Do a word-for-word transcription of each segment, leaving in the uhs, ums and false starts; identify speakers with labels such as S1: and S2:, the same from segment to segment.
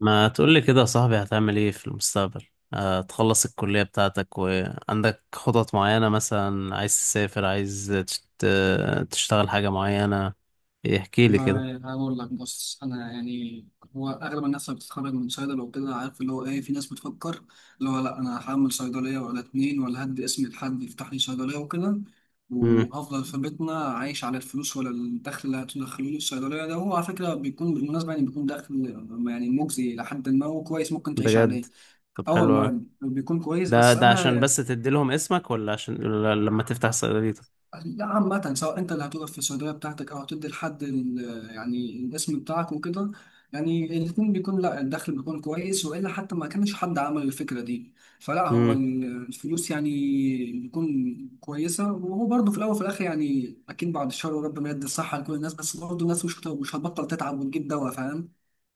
S1: ما تقولي كده يا صاحبي، هتعمل ايه في المستقبل؟ آه، تخلص الكلية بتاعتك وعندك خطط معينة، مثلا عايز تسافر، عايز تشت- تشتغل حاجة معينة. احكي لي كده.
S2: والله هقول لك، بص انا يعني، هو اغلب الناس اللي بتتخرج من صيدله وكده، عارف اللي هو ايه، في ناس بتفكر اللي هو لا انا هعمل صيدليه ولا اتنين، ولا هدي اسم لحد يفتح لي صيدليه وكده،
S1: امم.
S2: وهفضل في بيتنا عايش على الفلوس، ولا الدخل اللي هتدخله لي الصيدليه ده، هو على فكره بيكون، بالمناسبه يعني، بيكون دخل يعني مجزي، لحد ما هو كويس ممكن تعيش
S1: بجد؟
S2: عليه.
S1: طب
S2: اه
S1: حلو أوي.
S2: والله بيكون كويس،
S1: ده
S2: بس
S1: ده عشان
S2: انا.
S1: بس تدي لهم اسمك، ولا عشان ولا لما تفتح صيدليتك؟
S2: لا عامة سواء أنت اللي هتوقف في الصيدلية بتاعتك، أو هتدي لحد ال- يعني الاسم بتاعك وكده، يعني الاتنين بيكون، لا الدخل بيكون كويس، وإلا حتى ما كانش حد عمل الفكرة دي. فلا هو
S1: امم.
S2: ال- الفلوس يعني بيكون كويسة. وهو برضه في الأول وفي الآخر، يعني أكيد بعد الشر وربنا يدي الصحة لكل الناس، بس برضه الناس مش هت- مش هتبطل تتعب وتجيب دواء، فاهم.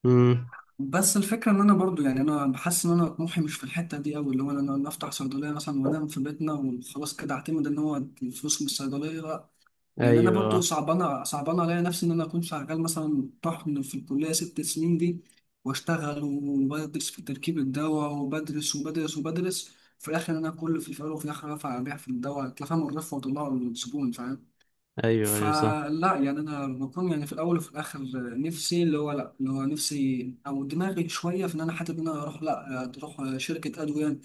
S1: امم.
S2: بس الفكرة إن أنا برضه، يعني أنا بحس إن أنا طموحي مش في الحتة دي أوي، اللي هو أنا أنا أفتح صيدلية مثلا وأنام في بيتنا وخلاص كده، أعتمد إن هو الفلوس من الصيدلية. يعني انا برضو
S1: ايوه،
S2: صعبانه صعبانه عليا نفسي ان انا اكون شغال مثلا طحن في الكليه ست سنين دي، واشتغل وبدرس في تركيب الدواء، وبدرس وبدرس وبدرس، في الاخر انا كل في الفقر، وفي الاخر ارفع ابيع في الدواء، تفهم، الرف وطلعه الزبون، فاهم.
S1: ايوه، ايوه، صح.
S2: فلا يعني انا بكون يعني، في الاول وفي الاخر نفسي اللي هو، لا اللي هو نفسي او دماغي شويه في ان انا، حتى ان انا اروح، لا تروح شركه ادويه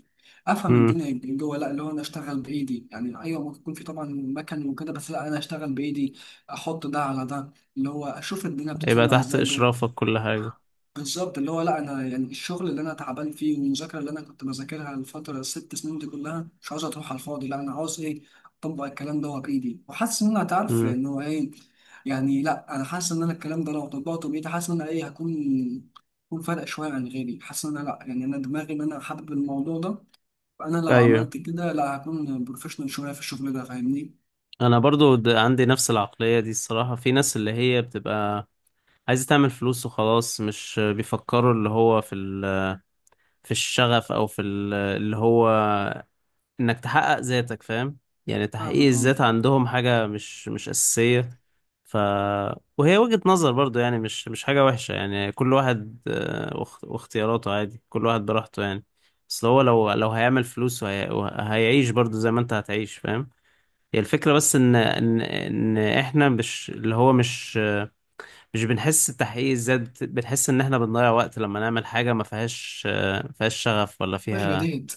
S2: افهم
S1: امم.
S2: الدنيا جوه، لا اللي هو انا اشتغل بايدي، يعني ايوه ممكن يكون في طبعا مكن وكده، بس لا انا اشتغل بايدي، احط ده على ده، اللي هو اشوف الدنيا
S1: يبقى
S2: بتتصنع
S1: تحت
S2: ازاي جوه.
S1: اشرافك كل حاجة.
S2: بالظبط اللي هو لا انا، يعني الشغل اللي انا تعبان فيه، والمذاكره اللي انا كنت بذاكرها الفتره الست سنين دي كلها، مش عاوز تروح على الفاضي، لا انا عاوز ايه، اطبق الكلام ده بايدي، وحاسس ان انا هتعرف
S1: امم.
S2: لان هو ايه، يعني لا انا حاسس ان انا الكلام ده لو طبقته بايدي، حاسس ان انا ايه هكون، هكون فارق شويه عن غيري، حاسس ان انا لا يعني انا دماغي ان انا حابب الموضوع ده، فانا لو
S1: ايوه.
S2: عملت كده لا هكون بروفيشنال شويه في الشغل ده، فاهمني؟
S1: انا برضو د- عندي نفس العقلية دي الصراحة. في ناس اللي هي بتبقى عايز تعمل فلوس وخلاص، مش بيفكروا اللي هو في ال... في الشغف، او في ال... اللي هو انك تحقق ذاتك، فاهم؟ يعني تحقيق
S2: فاهمك
S1: الذات
S2: طبعا.
S1: عندهم حاجة مش مش أساسية. ف وهي وجهة نظر برضو، يعني مش مش حاجة وحشة، يعني كل واحد آه، واخت- واختياراته عادي، كل واحد براحته يعني. بس هو لو لو هيعمل فلوس وهي... وهيعيش برضو زي ما انت هتعيش، فاهم؟ هي الفكرة بس ان ان ان احنا مش اللي هو مش مش بنحس بتحقيق الذات، بت- بنحس ان احنا بنضيع وقت لما نعمل حاجة ما فيهاش آه، فيهاش شغف، ولا
S2: مش
S1: فيها
S2: جديد.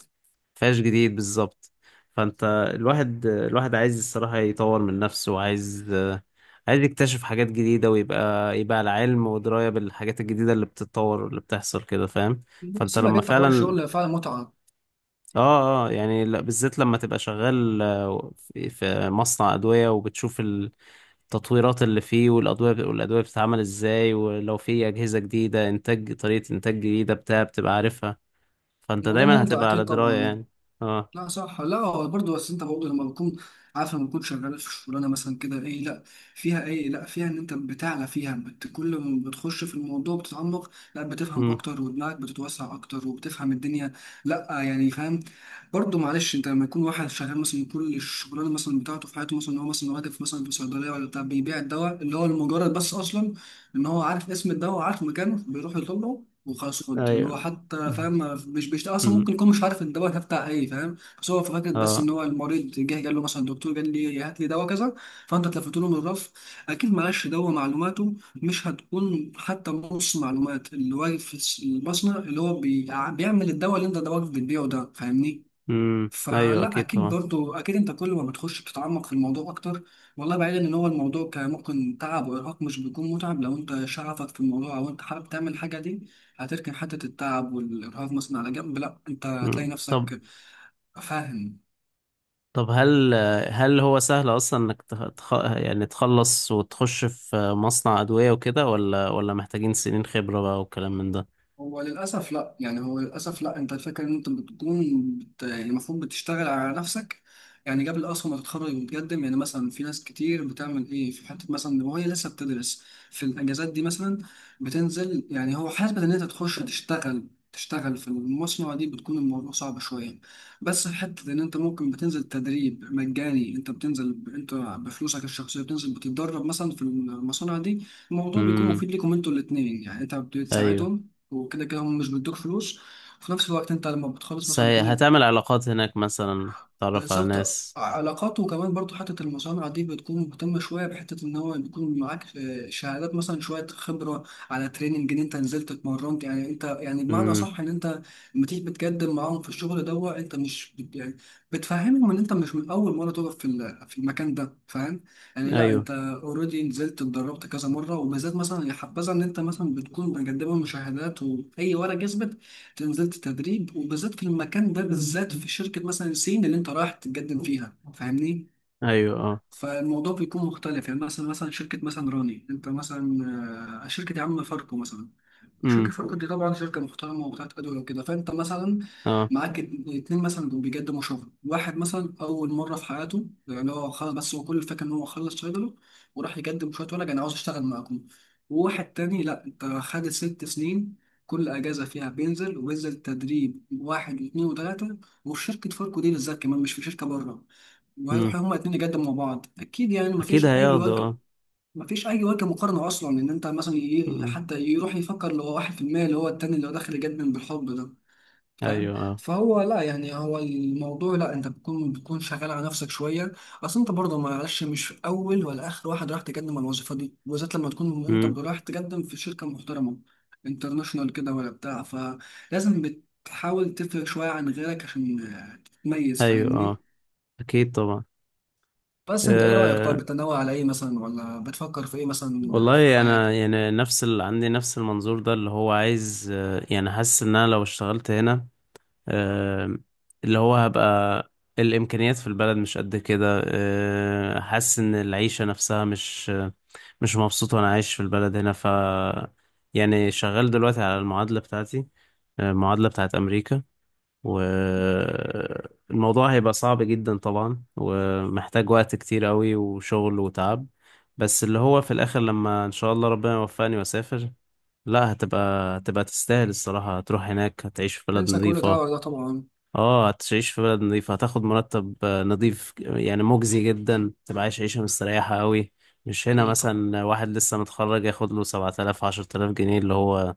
S1: فيهاش جديد بالظبط. فانت، الواحد الواحد عايز الصراحة يطور من نفسه، وعايز آه، عايز يكتشف حاجات جديدة، ويبقى يبقى على علم ودراية بالحاجات الجديدة اللي بتتطور واللي بتحصل كده، فاهم؟ فانت
S2: سيبك
S1: لما
S2: انت، حوار
S1: فعلا.
S2: الشغل فعلا متعه.
S1: اه، اه، يعني لا- بالذات لما تبقى شغال آه، في في مصنع أدوية، وبتشوف ال... التطويرات اللي فيه، والأدوية والأدوية بتتعمل إزاي، ولو في أجهزة جديدة، إنتاج طريقة إنتاج جديدة، بتاع، بتبقى عارفها. فأنت
S2: الموضوع
S1: دايما
S2: ممتع
S1: هتبقى على
S2: اكيد
S1: دراية
S2: طبعا.
S1: يعني. اه.
S2: لا صح، لا هو برضه، بس انت برضه لما بتكون عارف، لما بتكون شغال في شغلانه مثلا كده، ايه لا فيها، ايه لا فيها ان انت بتعلى فيها، بت كل ما بتخش في الموضوع بتتعمق، لا بتفهم
S1: امم.
S2: اكتر، ودماغك بتتوسع اكتر، وبتفهم الدنيا. لا يعني فاهم. برضه معلش انت لما يكون واحد شغال مثلا كل الشغلانه مثلا بتاعته في حياته مثلا، ان هو مثلا واقف مثلا في صيدليه ولا بتاع، بيبيع الدواء اللي هو لمجرد بس اصلا ان هو عارف اسم الدواء، وعارف مكانه بيروح يطلبه وخلاص خد، اللي هو
S1: أيوه.
S2: حتى فاهم، مش بيشتغل اصلا،
S1: امم.
S2: ممكن يكون مش عارف الدواء ده بتاع ايه، فاهم. بس هو فكرة بس
S1: اه.
S2: ان هو المريض جه قال له مثلا، الدكتور قال لي هات لي دواء كذا، فانت تلفت له من الرف، اكيد معلش دواء معلوماته مش هتكون حتى نص معلومات اللي واقف في الس- المصنع اللي هو بيع- بيعمل الدواء، اللي انت دواك بتبيعه ده، فاهمني.
S1: امم. أيوه،
S2: فلا
S1: أكيد
S2: اكيد
S1: طبعا.
S2: برضو، اكيد انت كل ما بتخش بتتعمق في الموضوع اكتر. والله بعيدا ان هو الموضوع كان ممكن تعب وارهاق، مش بيكون متعب لو انت شغفك في الموضوع، او انت حابب تعمل الحاجه دي، هتركن حته التعب والارهاق مثلا على جنب، لا انت هتلاقي
S1: امم. طب.
S2: نفسك، فاهم.
S1: طب هل هل هو سهل أصلا إنك تخ... تخ- يعني تخلص وتخش في مصنع أدوية وكده، ولا ولا محتاجين سنين خبرة بقى والكلام من ده؟
S2: هو للأسف لأ، يعني هو للأسف لأ، أنت الفكرة إن أنت بتكون بت... يعني المفروض بتشتغل على نفسك، يعني قبل أصلا ما تتخرج وتقدم، يعني مثلا في ناس كتير بتعمل إيه، في حتة مثلا وهي لسه بتدرس في الأجازات دي مثلا بتنزل، يعني هو حسبة إن أنت تخش تشتغل، تشتغل في المصنع دي، بتكون الموضوع صعب شوية. بس في حتة إن أنت ممكن بتنزل تدريب مجاني، أنت بتنزل ب... أنت بفلوسك الشخصية بتنزل بتتدرب مثلا في المصانع دي، الموضوع بيكون
S1: امم.
S2: مفيد ليكم أنتوا الاتنين، يعني أنت
S1: أيوه.
S2: بتساعدهم، وكده كده هم مش بيدوك فلوس، وفي نفس الوقت انت لما بتخلص مثلا
S1: سي...
S2: كل.
S1: هتعمل علاقات هناك مثلا، تتعرف على
S2: بالظبط
S1: ناس.
S2: علاقات، وكمان برضو حتة المصانع دي بتكون مهتمة شوية بحتة إن هو بيكون معاك آه، شهادات مثلا، شوية خبرة على تريننج، إن أنت نزلت اتمرنت، يعني أنت يعني بمعنى أصح إن أنت لما تيجي بتقدم معاهم في الشغل دوا، أنت مش بت يعني، بتفهمهم إن أنت مش من أول مرة تقف في ال- في المكان ده، فاهم. يعني لا
S1: ايوه،
S2: أنت أوريدي نزلت اتدربت كذا مرة، وبالذات مثلا يا حبذا إن أنت مثلا بتكون مقدمة مشاهدات وأي ورقة يثبت نزلت تدريب، وبالذات في المكان ده بالذات، في شركة مثلا سين اللي انت رايح تتقدم فيها، فاهمني.
S1: ايوه. اه.
S2: فالموضوع بيكون مختلف، يعني مثلا مثلا شركة مثلا راني، انت مثلا آه، شركة يا عم فاركو مثلا،
S1: امم.
S2: شركة فاركو دي طبعا شركة محترمة وبتاعت أدوية وكده، فأنت مثلا
S1: اه.
S2: معاك ات- اتنين مثلا دول بيقدموا شغل، واحد مثلا أول مرة في حياته، يعني هو خلاص، بس هو كل الفكرة إن هو خلص شغله وراح يقدم شوية ورق، أنا عاوز أشتغل معاكم. وواحد تاني لأ، أنت خد ست سنين، كل أجازة فيها بينزل، وبينزل تدريب واحد واتنين وتلاتة، وفي شركة فاركو دي بالذات كمان، مش في شركة بره،
S1: امم.
S2: وهيروحوا هما الاتنين يقدموا مع بعض، أكيد يعني
S1: اكيد
S2: مفيش أي
S1: هياخدوا،
S2: وجه.
S1: اه.
S2: مفيش اي وجه مقارنه اصلا، ان انت مثلا ي-
S1: امم.
S2: حتى يروح يفكر اللي هو واحد في المية اللي هو التاني اللي هو داخل جد من بالحب ده، فاهم.
S1: ايوه، اه.
S2: فهو لا يعني، هو الموضوع لا، انت بتكون بتكون شغال على نفسك شويه، اصل انت برضه معلش مش اول ولا اخر واحد راح تقدم على الوظيفه دي، وبالذات لما تكون انت
S1: امم.
S2: رايح تقدم في شركه محترمه انترناشونال كده ولا بتاع، فلازم بتحاول تفرق شويه عن غيرك عشان آه، تتميز،
S1: ايوه، اه،
S2: فاهمني.
S1: اكيد طبعا.
S2: بس انت ايه رايك طيب،
S1: أه،
S2: بتنوع على ايه مثلا، ولا بتفكر في ايه مثلا في
S1: والله انا
S2: حياتك؟
S1: يعني نفس اللي عندي نفس المنظور ده، اللي هو عايز، أه يعني حاسس ان انا لو اشتغلت هنا، أه اللي هو هبقى، الامكانيات في البلد مش قد كده، أه حاسس ان العيشه نفسها مش، مش مبسوط وانا عايش في البلد هنا، ف، يعني شغال دلوقتي على المعادله بتاعتي، آه، المعادلة بتاعت أمريكا. والموضوع هيبقى صعب جدا طبعا، ومحتاج وقت كتير قوي وشغل وتعب. بس اللي هو في الآخر، لما إن شاء الله ربنا يوفقني وأسافر، لا هتبقى هتبقى تستاهل الصراحة. هتروح هناك، هتعيش في بلد
S2: ننسى كل
S1: نظيفة.
S2: تاور ده طبعا.
S1: اه، هتعيش في بلد نظيفة، هتاخد مرتب آه، نظيف، يعني مجزي جدا، تبقى عايش عيشة مستريحة قوي. مش هنا
S2: اكيد طبعا.
S1: مثلا واحد لسه متخرج ياخد له سبعة آلاف، عشرة آلاف جنيه، اللي هو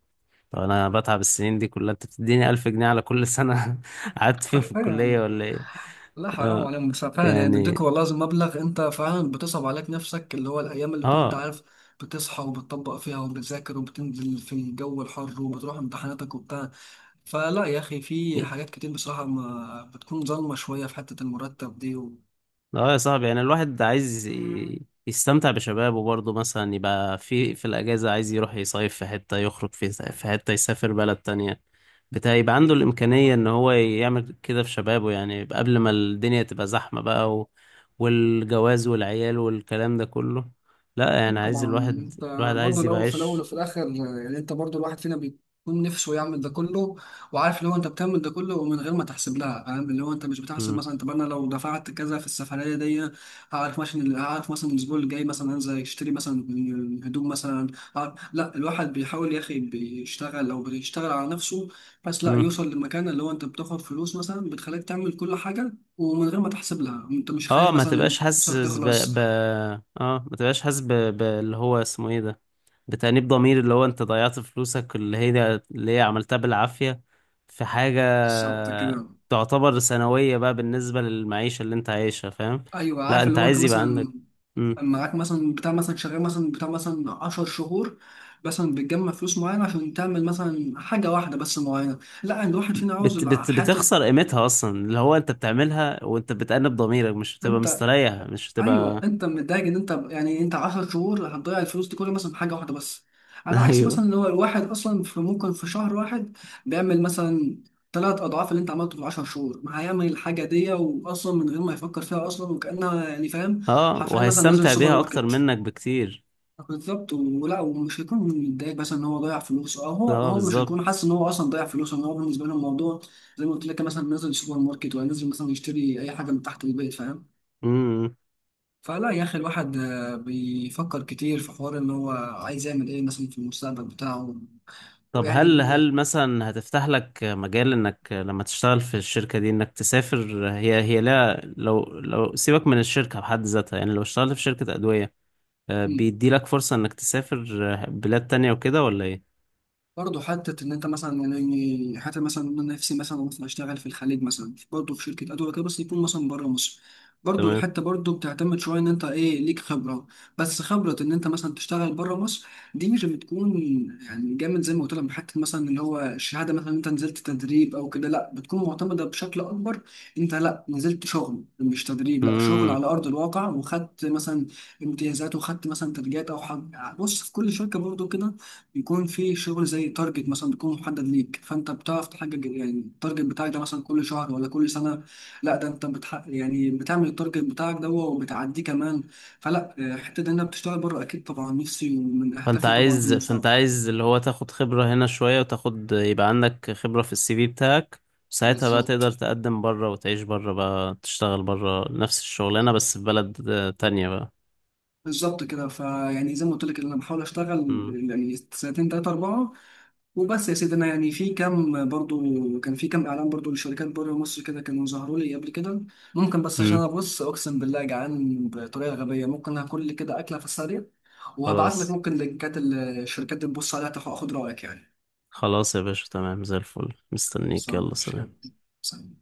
S1: طب انا بتعب السنين دي كلها انت بتديني الف جنيه على كل سنة؟ قعدت فين، في الكلية
S2: حرفيا.
S1: ولا ايه؟
S2: لا حرام
S1: اه.
S2: عليهم، بس فعلا يعني
S1: يعني.
S2: بيديك والله لازم مبلغ، انت فعلا بتصعب عليك نفسك، اللي هو الايام اللي كنت
S1: اه.
S2: عارف بتصحى وبتطبق فيها وبتذاكر وبتنزل في الجو الحر وبتروح امتحاناتك وبتاع، فلا يا اخي في حاجات كتير بصراحة ما بتكون ظالمة شوية في حتة المرتب دي و.
S1: اه يا صاحبي، يعني الواحد عايز ي- يستمتع بشبابه برضه، مثلا يبقى في في الأجازة عايز يروح يصيف في حتة، يخرج في في حتة، يسافر بلد تانية، بتاع، يبقى عنده
S2: اكيد
S1: الإمكانية
S2: طبعا.
S1: إن هو يعمل كده في شبابه، يعني يبقى قبل ما الدنيا تبقى زحمة بقى، و، والجواز والعيال والكلام ده كله. لا يعني
S2: أكيد
S1: عايز
S2: طبعا.
S1: الواحد،
S2: انت
S1: الواحد
S2: برضه
S1: عايز يبقى
S2: لو في الاول
S1: عايش.
S2: وفي الاخر، يعني انت برضه الواحد فينا بيكون نفسه يعمل ده كله، وعارف اللي هو انت بتعمل ده كله ومن غير ما تحسب لها، فاهم اللي هو انت مش بتحسب
S1: مم.
S2: مثلا، طب انا لو دفعت كذا في السفريه دي، هعرف مثلا، هعرف مثلا الاسبوع اللي جاي مثلا انزل اشتري مثلا هدوم مثلا، هعرف- لا الواحد بيحاول يا اخي، بيشتغل او بيشتغل على نفسه بس، لا
S1: مم.
S2: يوصل لمكان اللي هو انت بتاخد فلوس مثلا بتخليك تعمل كل حاجه ومن غير ما تحسب لها، انت مش
S1: اه
S2: خايف
S1: ما
S2: مثلا
S1: تبقاش
S2: فلوسك
S1: حاسس ب... ب...
S2: تخلص.
S1: اه ما تبقاش حاسس ب... ب... اللي هو اسمه ايه ده، بتأنيب ضمير، اللي هو انت ضيعت فلوسك اللي هي اللي هي عملتها بالعافية، في حاجة
S2: بالظبط كده.
S1: تعتبر ثانوية بقى بالنسبة للمعيشة اللي انت عايشها، فاهم؟
S2: ايوه
S1: لا
S2: عارف
S1: انت
S2: اللي هو انت
S1: عايز يبقى عندك.
S2: مثلا
S1: مم.
S2: معاك مثلا بتاع مثلا شغال مثلا بتاع مثلا 10 شهور، مثلا بتجمع فلوس معينه عشان تعمل مثلا حاجه واحده بس معينه، لا ان الواحد فينا عاوز
S1: بت...
S2: الع-
S1: بت...
S2: حته،
S1: بتخسر قيمتها اصلا اللي هو انت بتعملها، وانت بتأنب ضميرك، مش بتبقى
S2: انت.
S1: مستريح، مش
S2: ايوه
S1: بتبقى.
S2: انت متضايق ان انت، يعني انت 10 شهور هتضيع الفلوس دي كلها مثلا في حاجه واحده بس، على عكس
S1: ايوه.
S2: مثلا اللي هو الواحد اصلا في ممكن في شهر واحد بيعمل مثلا ثلاث اضعاف اللي انت عملته في 10 شهور، ما هيعمل الحاجه دي واصلا من غير ما يفكر فيها اصلا وكانها، يعني فاهم.
S1: اه،
S2: حرفيا مثلا نازل
S1: وهيستمتع
S2: السوبر
S1: بيها اكتر
S2: ماركت.
S1: منك بكتير.
S2: بالظبط، ولا ومش هيكون متضايق مثلا ان هو ضيع فلوسه، او هو
S1: اه،
S2: هو مش هيكون
S1: بالظبط.
S2: حاسس ان هو اصلا ضيع فلوسه، ان هو بالنسبه له الموضوع زي ما قلت لك مثلا، نزل السوبر ماركت ولا نزل مثلا يشتري اي حاجه من تحت البيت، فاهم. فلا يا اخي الواحد آه، بيفكر كتير في حوار ان هو عايز يعمل ايه مثلا في المستقبل بتاعه.
S1: طب
S2: ويعني
S1: هل
S2: بي-
S1: هل مثلا هتفتح لك مجال انك لما تشتغل في الشركة دي انك تسافر، هي هي لا لو لو سيبك من الشركة بحد ذاتها، يعني لو اشتغلت في شركة أدوية، آه،
S2: مم.
S1: بيدي لك فرصة انك تسافر آه، بلاد تانية وكده ولا ايه؟
S2: برضه حتة إن أنت مثلا، يعني حتى مثلا أنا نفسي مثلا مثلا أشتغل في الخليج مثلا، برضه في شركة أدوية كده، بس يكون مثلا بره مصر، برضه
S1: تمام.
S2: الحتة برضه بتعتمد شوية إن أنت إيه ليك خبرة، بس خبرة إن أنت مثلا تشتغل بره مصر دي مش بتكون يعني جامد زي ما قلت لك، حتة مثلا اللي هو الشهادة مثلا إن أنت نزلت تدريب أو كده لأ، بتكون معتمدة بشكل أكبر، أنت لأ نزلت شغل مش تدريب، لأ شغل
S1: امم.
S2: على أرض الواقع، وخدت مثلا امتيازات، وخدت مثلا تدريبات أو حاجة، بص في كل شركة برضه كده بيكون في شغل زي تارجت مثلا، بيكون محدد ليك، فانت بتعرف تحقق يعني التارجت بتاعك ده مثلا كل شهر ولا كل سنه، لا ده انت بتحقق يعني بتعمل التارجت بتاعك ده وبتعديه كمان. فلا آه، حته ان انا بتشتغل بره اكيد طبعا نفسي ومن
S1: فانت
S2: اهدافي طبعا في
S1: عايز فانت
S2: المستقبل.
S1: عايز اللي هو تاخد خبرة هنا شوية، وتاخد يبقى عندك خبرة في السي في بتاعك. ساعتها بقى
S2: بالظبط
S1: تقدر تقدم بره وتعيش بره بقى، تشتغل بره نفس الشغلانة، بس في بلد آه، تانية بقى.
S2: بالظبط كده، فيعني زي ما قلت لك إن انا بحاول اشتغل
S1: امم.
S2: يعني سنتين تلاته اربعه وبس، يا سيدي انا يعني في كام برضو، كان في كام اعلان برضو لشركات بره مصر كده كانوا ظهروا لي قبل كده، ممكن بس عشان
S1: امم.
S2: انا بص اقسم بالله جعان بطريقه غبيه ممكن هاكل لي كده اكله في السريع، وهبعت لك
S1: خلاص،
S2: ممكن لينكات الشركات اللي تبص عليها، تاخد اخد رايك يعني.
S1: خلاص يا باشا، تمام زي الفل،
S2: بس
S1: مستنيك،
S2: أنا
S1: يلا
S2: مش.
S1: سلام.
S2: سلام.